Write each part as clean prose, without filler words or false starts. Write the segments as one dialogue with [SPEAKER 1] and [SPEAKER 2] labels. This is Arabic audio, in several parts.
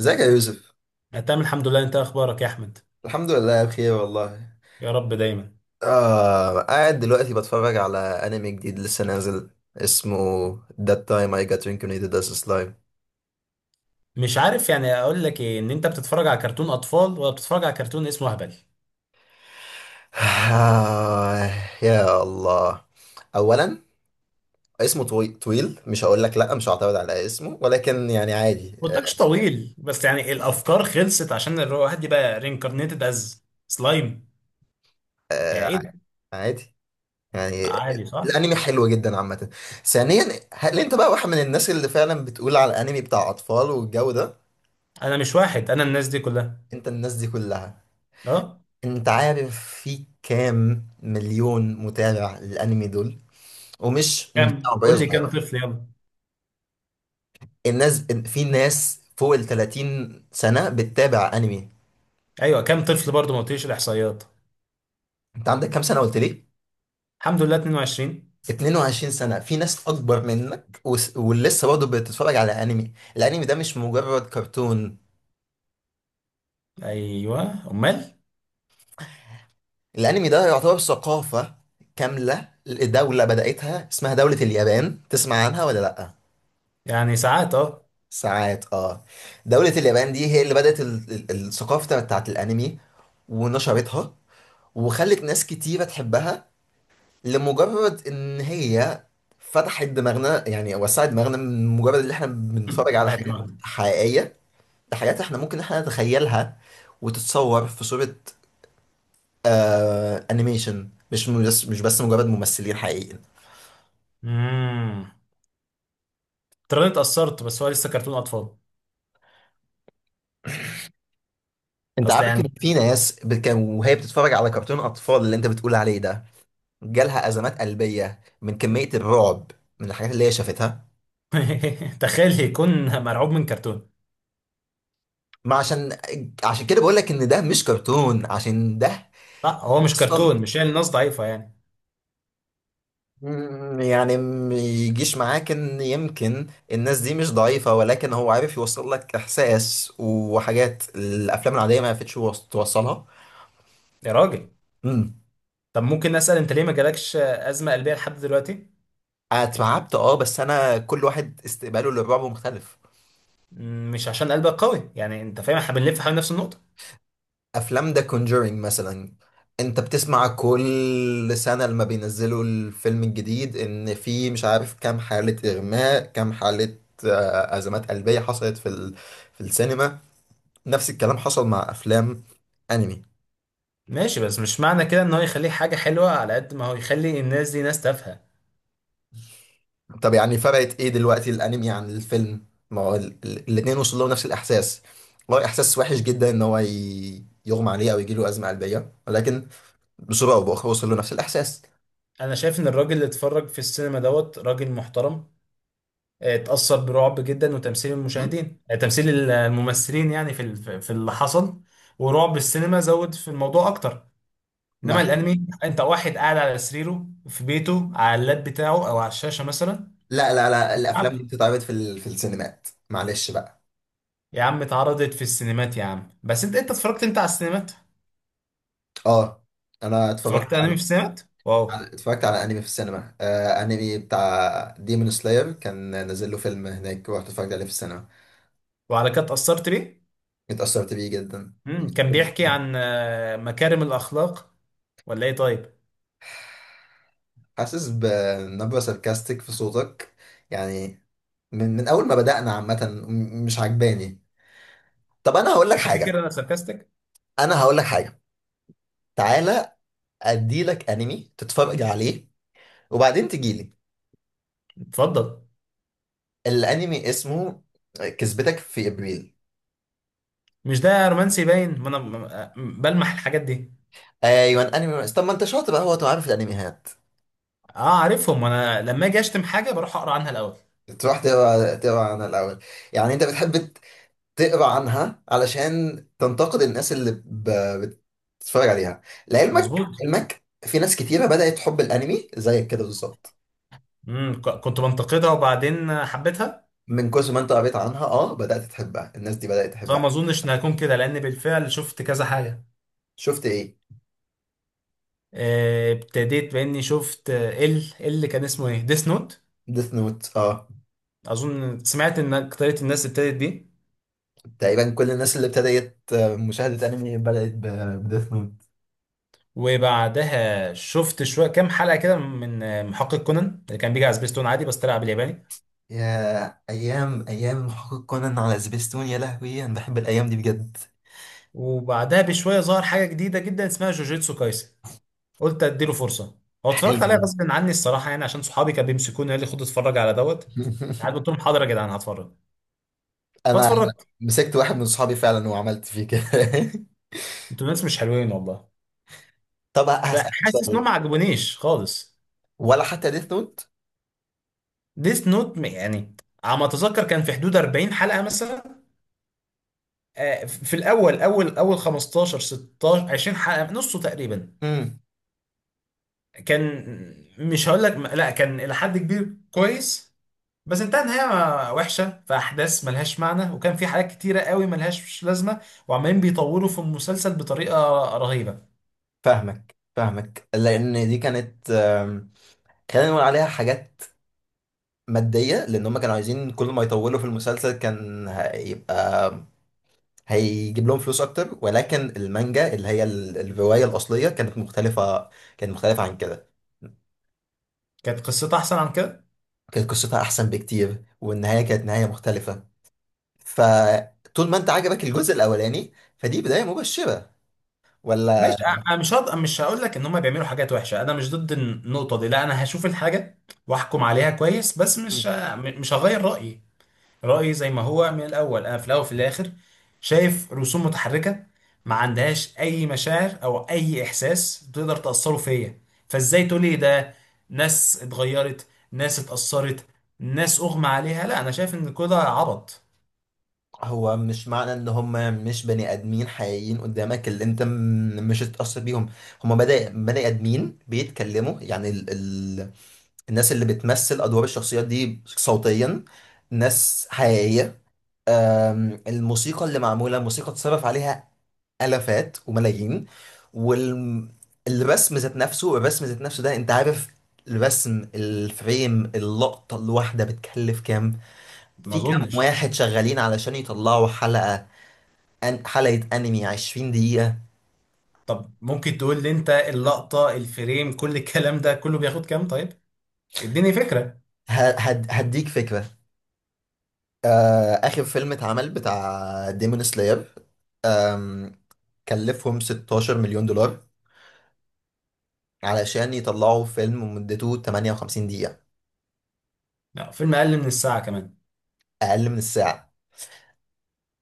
[SPEAKER 1] ازيك يا يوسف؟
[SPEAKER 2] أنا تمام الحمد لله، انت اخبارك يا احمد؟
[SPEAKER 1] الحمد لله بخير والله.
[SPEAKER 2] يا رب دايما.
[SPEAKER 1] آه، قاعد دلوقتي بتفرج على انمي جديد لسه نازل اسمه That time I got reincarnated as a slime.
[SPEAKER 2] مش عارف يعني اقول لك ايه، ان انت بتتفرج على كرتون اطفال ولا بتتفرج على كرتون اسمه هبل.
[SPEAKER 1] آه، يا الله. اولا، اسمه طويل، مش هقول لك لا، مش هعترض على اسمه، ولكن يعني عادي.
[SPEAKER 2] ما قلتلكش طويل، بس يعني الافكار خلصت عشان الواحد يبقى رينكارنيتد از سلايم. يعني
[SPEAKER 1] آه،
[SPEAKER 2] ايه ده؟
[SPEAKER 1] عادي يعني.
[SPEAKER 2] عادي، صح؟
[SPEAKER 1] الانمي حلو جدا عامة. ثانيا، هل انت بقى واحد من الناس اللي فعلا بتقول على الانمي بتاع اطفال والجو ده؟
[SPEAKER 2] انا مش واحد، انا الناس دي كلها.
[SPEAKER 1] انت الناس دي كلها.
[SPEAKER 2] اه.
[SPEAKER 1] انت عارف في كام مليون متابع للانمي دول؟ ومش بتاع
[SPEAKER 2] كم؟
[SPEAKER 1] عمرية
[SPEAKER 2] قول لي كم
[SPEAKER 1] صغيرة.
[SPEAKER 2] طفل، يلا.
[SPEAKER 1] الناس، في ناس فوق ال 30 سنة بتتابع انمي.
[SPEAKER 2] ايوه، كم طفل برضه، ما قلتليش الاحصائيات.
[SPEAKER 1] انت عندك كام سنة قلت لي؟
[SPEAKER 2] الحمد لله 22.
[SPEAKER 1] 22 سنة، في ناس اكبر منك ولسه برضه بتتفرج على انمي. الانمي ده مش مجرد كرتون.
[SPEAKER 2] ايوه امال.
[SPEAKER 1] الانمي ده يعتبر ثقافة كاملة. دولة بدأتها اسمها دولة اليابان، تسمع عنها ولا لأ؟
[SPEAKER 2] يعني ساعات، اه.
[SPEAKER 1] ساعات اه. دولة اليابان دي هي اللي بدأت الثقافة بتاعت الأنمي، ونشرتها، وخلت ناس كتيرة تحبها لمجرد إن هي فتحت دماغنا، يعني وسعت دماغنا من مجرد إن إحنا بنتفرج على
[SPEAKER 2] فتحت
[SPEAKER 1] حاجات
[SPEAKER 2] دماغنا.
[SPEAKER 1] حقيقية لحاجات إحنا ممكن إحنا نتخيلها وتتصور في صورة، آه، أنيميشن، مش بس مجرد ممثلين حقيقيين.
[SPEAKER 2] امم ترى اتأثرت، بس هو لسه كرتون اطفال.
[SPEAKER 1] أنت
[SPEAKER 2] اصل
[SPEAKER 1] عارف
[SPEAKER 2] يعني.
[SPEAKER 1] إن في ناس كان وهي بتتفرج على كرتون أطفال اللي أنت بتقول عليه ده جالها أزمات قلبية من كمية الرعب، من الحاجات اللي هي شافتها.
[SPEAKER 2] تخيل يكون مرعوب من كرتون.
[SPEAKER 1] ما عشان عشان كده بقول لك ان ده مش كرتون، عشان ده
[SPEAKER 2] لا، هو مش
[SPEAKER 1] اصلا.
[SPEAKER 2] كرتون، مش يعني الناس ضعيفة يعني.
[SPEAKER 1] يعني ما يجيش معاك ان يمكن الناس دي مش ضعيفة، ولكن هو عارف يوصل لك احساس، وحاجات الافلام العادية ما عرفتش توصلها.
[SPEAKER 2] يا راجل.
[SPEAKER 1] امم
[SPEAKER 2] طب ممكن اسأل، انت ليه ما جالكش ازمة قلبية لحد دلوقتي؟
[SPEAKER 1] اتعبت، اه، بس انا كل واحد استقباله للرعب مختلف.
[SPEAKER 2] مش عشان قلبك قوي يعني، انت فاهم، احنا بنلف حوالين نفس النقطة.
[SPEAKER 1] افلام ذا كونجورينج مثلا، انت بتسمع كل سنة لما بينزلوا الفيلم الجديد ان في مش عارف كام حالة اغماء، كام حالة، ازمات قلبية حصلت في في السينما. نفس الكلام حصل مع افلام انمي.
[SPEAKER 2] ماشي، بس مش معنى كده ان هو يخليه حاجة حلوة على قد ما هو يخلي الناس دي ناس تافهة.
[SPEAKER 1] طب يعني فرقت ايه دلوقتي الانمي عن الفيلم؟ ما هو الاتنين وصلوا نفس الاحساس. والله احساس وحش جدا ان هو يغمى عليه او يجيله ازمة قلبية، ولكن بصورة او باخرى وصل له نفس الاحساس.
[SPEAKER 2] انا شايف ان الراجل اللي اتفرج في السينما دوت راجل محترم. اتأثر برعب جدا وتمثيل
[SPEAKER 1] مم.
[SPEAKER 2] المشاهدين، تمثيل الممثلين يعني في اللي حصل. ورعب السينما زود في الموضوع اكتر.
[SPEAKER 1] ما
[SPEAKER 2] انما الانمي، انت واحد قاعد على سريره في بيته على اللاب بتاعه او على الشاشه مثلا
[SPEAKER 1] لا لا لا،
[SPEAKER 2] بيلعب.
[SPEAKER 1] الافلام دي بتتعرض في في السينمات، معلش بقى.
[SPEAKER 2] يا عم اتعرضت في السينمات يا عم، بس انت اتفرجت انت على السينمات.
[SPEAKER 1] اه، انا اتفرجت
[SPEAKER 2] اتفرجت انمي في السينمات؟ واو.
[SPEAKER 1] على انمي في السينما، آه، انمي بتاع ديمون سلاير، كان نازل له فيلم هناك ورحت اتفرجت عليه في السينما.
[SPEAKER 2] وعلى كده اتأثرت ليه؟
[SPEAKER 1] اتأثرت بيه جدا.
[SPEAKER 2] كان بيحكي عن مكارم الاخلاق ولا ايه؟ طيب.
[SPEAKER 1] حاسس بنبرة ساركاستيك في صوتك يعني، من اول ما بدأنا عامة، مش عجباني. طب انا هقول لك
[SPEAKER 2] تفتكر
[SPEAKER 1] حاجة،
[SPEAKER 2] انا ساركاستك؟
[SPEAKER 1] انا هقول لك حاجة، تعالى، اديلك انمي تتفرج عليه وبعدين تجيلي.
[SPEAKER 2] اتفضل.
[SPEAKER 1] الانمي اسمه كذبتك في ابريل.
[SPEAKER 2] مش ده رومانسي باين، ما انا بلمح الحاجات دي.
[SPEAKER 1] ايوه انمي. طب ما انت شاطر بقى، هو تبقى عارف الانميات،
[SPEAKER 2] اه عارفهم، انا لما اجي اشتم حاجه بروح اقرا عنها الاول.
[SPEAKER 1] تروح تقرا عنها الاول. يعني انت بتحب تقرا عنها علشان تنتقد الناس اللي بتتفرج عليها. لعلمك
[SPEAKER 2] مظبوط.
[SPEAKER 1] علمك في ناس كتيره بدات تحب الانمي زيك كده بالظبط،
[SPEAKER 2] كنت بنتقدها وبعدين حبيتها.
[SPEAKER 1] من كثر ما انت قريت عنها بدات تحبها، الناس دي بدات تحبها.
[SPEAKER 2] فما اظنش ان هكون كده، لان بالفعل شفت كذا حاجه.
[SPEAKER 1] شفت ايه؟
[SPEAKER 2] ابتديت باني شفت، اللي كان اسمه ايه، ديس نوت.
[SPEAKER 1] ديث نوت، اه.
[SPEAKER 2] اظن سمعت ان اكتريت الناس ابتدت بيه.
[SPEAKER 1] تقريبا كل الناس اللي ابتدت مشاهده انمي بدات بديث نوت.
[SPEAKER 2] وبعدها شفت شويه كام حلقه كده من محقق كونان اللي كان بيجي على سبيستون عادي، بس طلع بالياباني.
[SPEAKER 1] يا أيام، أيام محقق كونان على سبيستون، يا لهوي، أنا بحب الأيام دي بجد.
[SPEAKER 2] وبعدها بشويه ظهر حاجه جديده جدا اسمها جوجيتسو كايسن. قلت اديله فرصه. هو اتفرجت عليها
[SPEAKER 1] حلو.
[SPEAKER 2] غصب عني الصراحه، يعني عشان صحابي كانوا بيمسكوني، قال لي خد اتفرج على دوت. قعدت قلت لهم حاضر يا جدعان هتفرج.
[SPEAKER 1] أنا
[SPEAKER 2] فاتفرجت.
[SPEAKER 1] مسكت واحد من صحابي فعلا وعملت فيه كده.
[SPEAKER 2] انتوا ناس مش حلوين والله.
[SPEAKER 1] طب هسألك
[SPEAKER 2] فحاسس انه
[SPEAKER 1] سؤال،
[SPEAKER 2] ما عجبونيش خالص.
[SPEAKER 1] ولا حتى ديث نوت؟
[SPEAKER 2] ديس نوت يعني. على ما اتذكر كان في حدود 40 حلقه مثلا. في الاول اول اول 15 16 20 حلقه، نصه تقريبا
[SPEAKER 1] امم.
[SPEAKER 2] كان، مش هقول لك لا، كان الى حد كبير كويس. بس انتهى نهايه وحشه، في احداث ملهاش معنى، وكان في حاجات كتيره قوي ملهاش لازمه. وعمالين بيطوروا في المسلسل بطريقه رهيبه.
[SPEAKER 1] فاهمك فاهمك، لأن دي كانت، خلينا نقول عليها حاجات مادية، لأن هم كانوا عايزين كل ما يطولوا في المسلسل كان هيبقى هيجيب لهم فلوس أكتر، ولكن المانجا اللي هي الرواية الأصلية كانت مختلفة. كانت مختلفة عن كده.
[SPEAKER 2] كانت قصته احسن عن كده.
[SPEAKER 1] كانت قصتها احسن بكتير، والنهايه كانت نهايه مختلفه. فطول ما انت عجبك الجزء الاولاني، فدي بدايه مبشره،
[SPEAKER 2] ماشي.
[SPEAKER 1] ولا؟
[SPEAKER 2] انا مش هقول لك ان هم بيعملوا حاجات وحشه، انا مش ضد النقطه دي، لا انا هشوف الحاجه واحكم عليها كويس، بس مش
[SPEAKER 1] مم.
[SPEAKER 2] ه- م- مش هغير رايي. رايي زي ما هو من الاول، انا في الاول وفي الاخر شايف رسوم متحركه ما عندهاش اي مشاعر او اي احساس تقدر تاثره فيا. فازاي تقول لي ده؟ ناس اتغيرت، ناس اتاثرت، ناس اغمى عليها؟ لا، انا شايف ان كل ده عبط.
[SPEAKER 1] هو مش معنى ان هم مش بني ادمين حقيقيين قدامك اللي انت مش هتتاثر بيهم. هم بني ادمين بيتكلموا يعني، ال الناس اللي بتمثل ادوار الشخصيات دي صوتيا ناس حقيقيه. الموسيقى اللي معموله، موسيقى اتصرف عليها آلافات وملايين. والرسم ذات نفسه، الرسم ذات نفسه ده انت عارف، الرسم، الفريم، اللقطة الواحدة بتكلف كام؟
[SPEAKER 2] ما
[SPEAKER 1] في كام
[SPEAKER 2] اظنش.
[SPEAKER 1] واحد شغالين علشان يطلعوا حلقة؟ أن حلقة أنمي 20 دقيقة.
[SPEAKER 2] طب ممكن تقول لي انت اللقطه الفريم كل الكلام ده كله بياخد كام طيب؟ اديني فكرة.
[SPEAKER 1] ه- هد هديك فكرة. آخر فيلم اتعمل بتاع ديمون سلاير آم، كلفهم 16 مليون دولار، علشان يطلعوا فيلم مدته 58 دقيقة.
[SPEAKER 2] لا فيلم اقل من الساعة كمان؟
[SPEAKER 1] أقل من الساعة،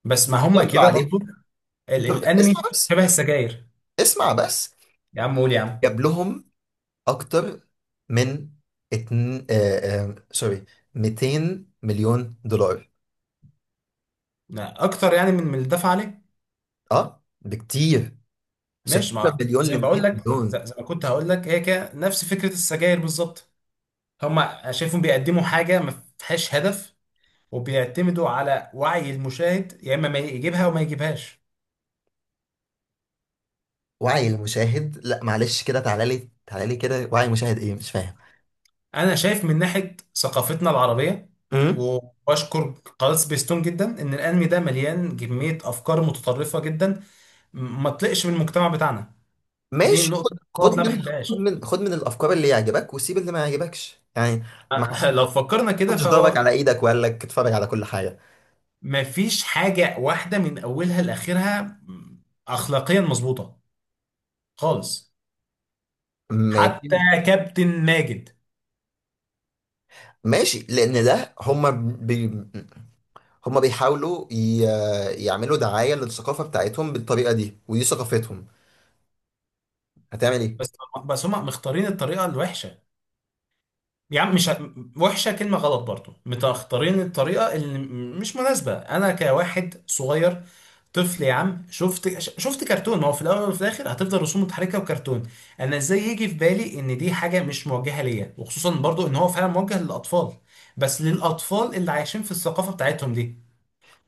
[SPEAKER 2] بس ما هم
[SPEAKER 1] ضربوا
[SPEAKER 2] كده
[SPEAKER 1] عليه
[SPEAKER 2] برضو.
[SPEAKER 1] ضرب.
[SPEAKER 2] الانمي
[SPEAKER 1] اسمع بس،
[SPEAKER 2] شبه السجاير.
[SPEAKER 1] اسمع بس،
[SPEAKER 2] يا عم قول يا عم.
[SPEAKER 1] جاب لهم اكتر من اتن... آه آه سوري 200 مليون دولار.
[SPEAKER 2] لا اكتر، يعني من اللي دفع عليه.
[SPEAKER 1] اه، بكتير.
[SPEAKER 2] ماشي،
[SPEAKER 1] 16
[SPEAKER 2] ما
[SPEAKER 1] مليون
[SPEAKER 2] زي
[SPEAKER 1] ل
[SPEAKER 2] ما بقول
[SPEAKER 1] 200
[SPEAKER 2] لك،
[SPEAKER 1] مليون.
[SPEAKER 2] زي ما كنت هقول لك، هي كده نفس فكرة السجاير بالظبط. هم شايفهم بيقدموا حاجة ما فيهاش هدف، وبيعتمدوا على وعي المشاهد، يا اما ما يجيبها وما يجيبهاش.
[SPEAKER 1] وعي المشاهد؟ لا معلش كده، تعالى لي تعالى لي كده، وعي المشاهد ايه مش فاهم.
[SPEAKER 2] انا شايف من ناحية ثقافتنا العربية،
[SPEAKER 1] امم.
[SPEAKER 2] وبشكر قناة سبيستون جدا، ان الانمي ده مليان كمية افكار متطرفة جدا ما تطلقش من المجتمع بتاعنا. دي
[SPEAKER 1] ماشي،
[SPEAKER 2] النقطة، النقط اللي أنا ما بحبهاش.
[SPEAKER 1] خد من الافكار اللي يعجبك وسيب اللي ما يعجبكش، يعني ما
[SPEAKER 2] لو فكرنا كده
[SPEAKER 1] حدش ضربك
[SPEAKER 2] فهو
[SPEAKER 1] على ايدك وقال لك اتفرج على كل حاجه.
[SPEAKER 2] ما فيش حاجة واحدة من أولها لآخرها أخلاقيا مظبوطة خالص.
[SPEAKER 1] ماشي.
[SPEAKER 2] حتى كابتن ماجد.
[SPEAKER 1] ماشي لان ده هم، هما بيحاولوا يعملوا دعاية للثقافة بتاعتهم بالطريقة دي ودي ثقافتهم، هتعمل ايه؟
[SPEAKER 2] بس بس هم مختارين الطريقة الوحشة، يعني مش وحشة كلمة غلط، برضو مختارين الطريقة اللي مش مناسبة. أنا كواحد صغير طفل يا عم شفت شفت كرتون، ما هو في الاول وفي الاخر هتفضل رسوم متحركه وكرتون. انا ازاي يجي في بالي ان دي حاجه مش موجهه ليا، وخصوصا برضو ان هو فعلا موجه للاطفال، بس للاطفال اللي عايشين في الثقافه بتاعتهم دي،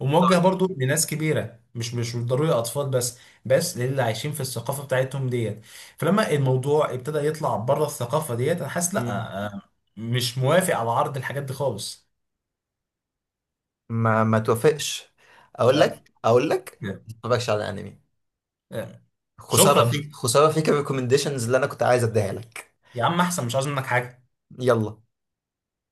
[SPEAKER 2] وموجه برضو لناس كبيره، مش ضروري اطفال بس، بس للي عايشين في الثقافه بتاعتهم ديت. فلما الموضوع ابتدى يطلع بره الثقافه ديت انا حاسس، لا
[SPEAKER 1] مم.
[SPEAKER 2] مش موافق على عرض الحاجات دي خالص.
[SPEAKER 1] ما توافقش، اقول
[SPEAKER 2] آه،
[SPEAKER 1] لك اقول لك،
[SPEAKER 2] آه.
[SPEAKER 1] ما تتفرجش على انمي.
[SPEAKER 2] آه.
[SPEAKER 1] خسارة
[SPEAKER 2] شكرا.
[SPEAKER 1] فيك، خسارة فيك، الريكومنديشنز اللي انا كنت عايز اديها لك.
[SPEAKER 2] يا عم احسن، مش عاوز منك حاجه.
[SPEAKER 1] يلا.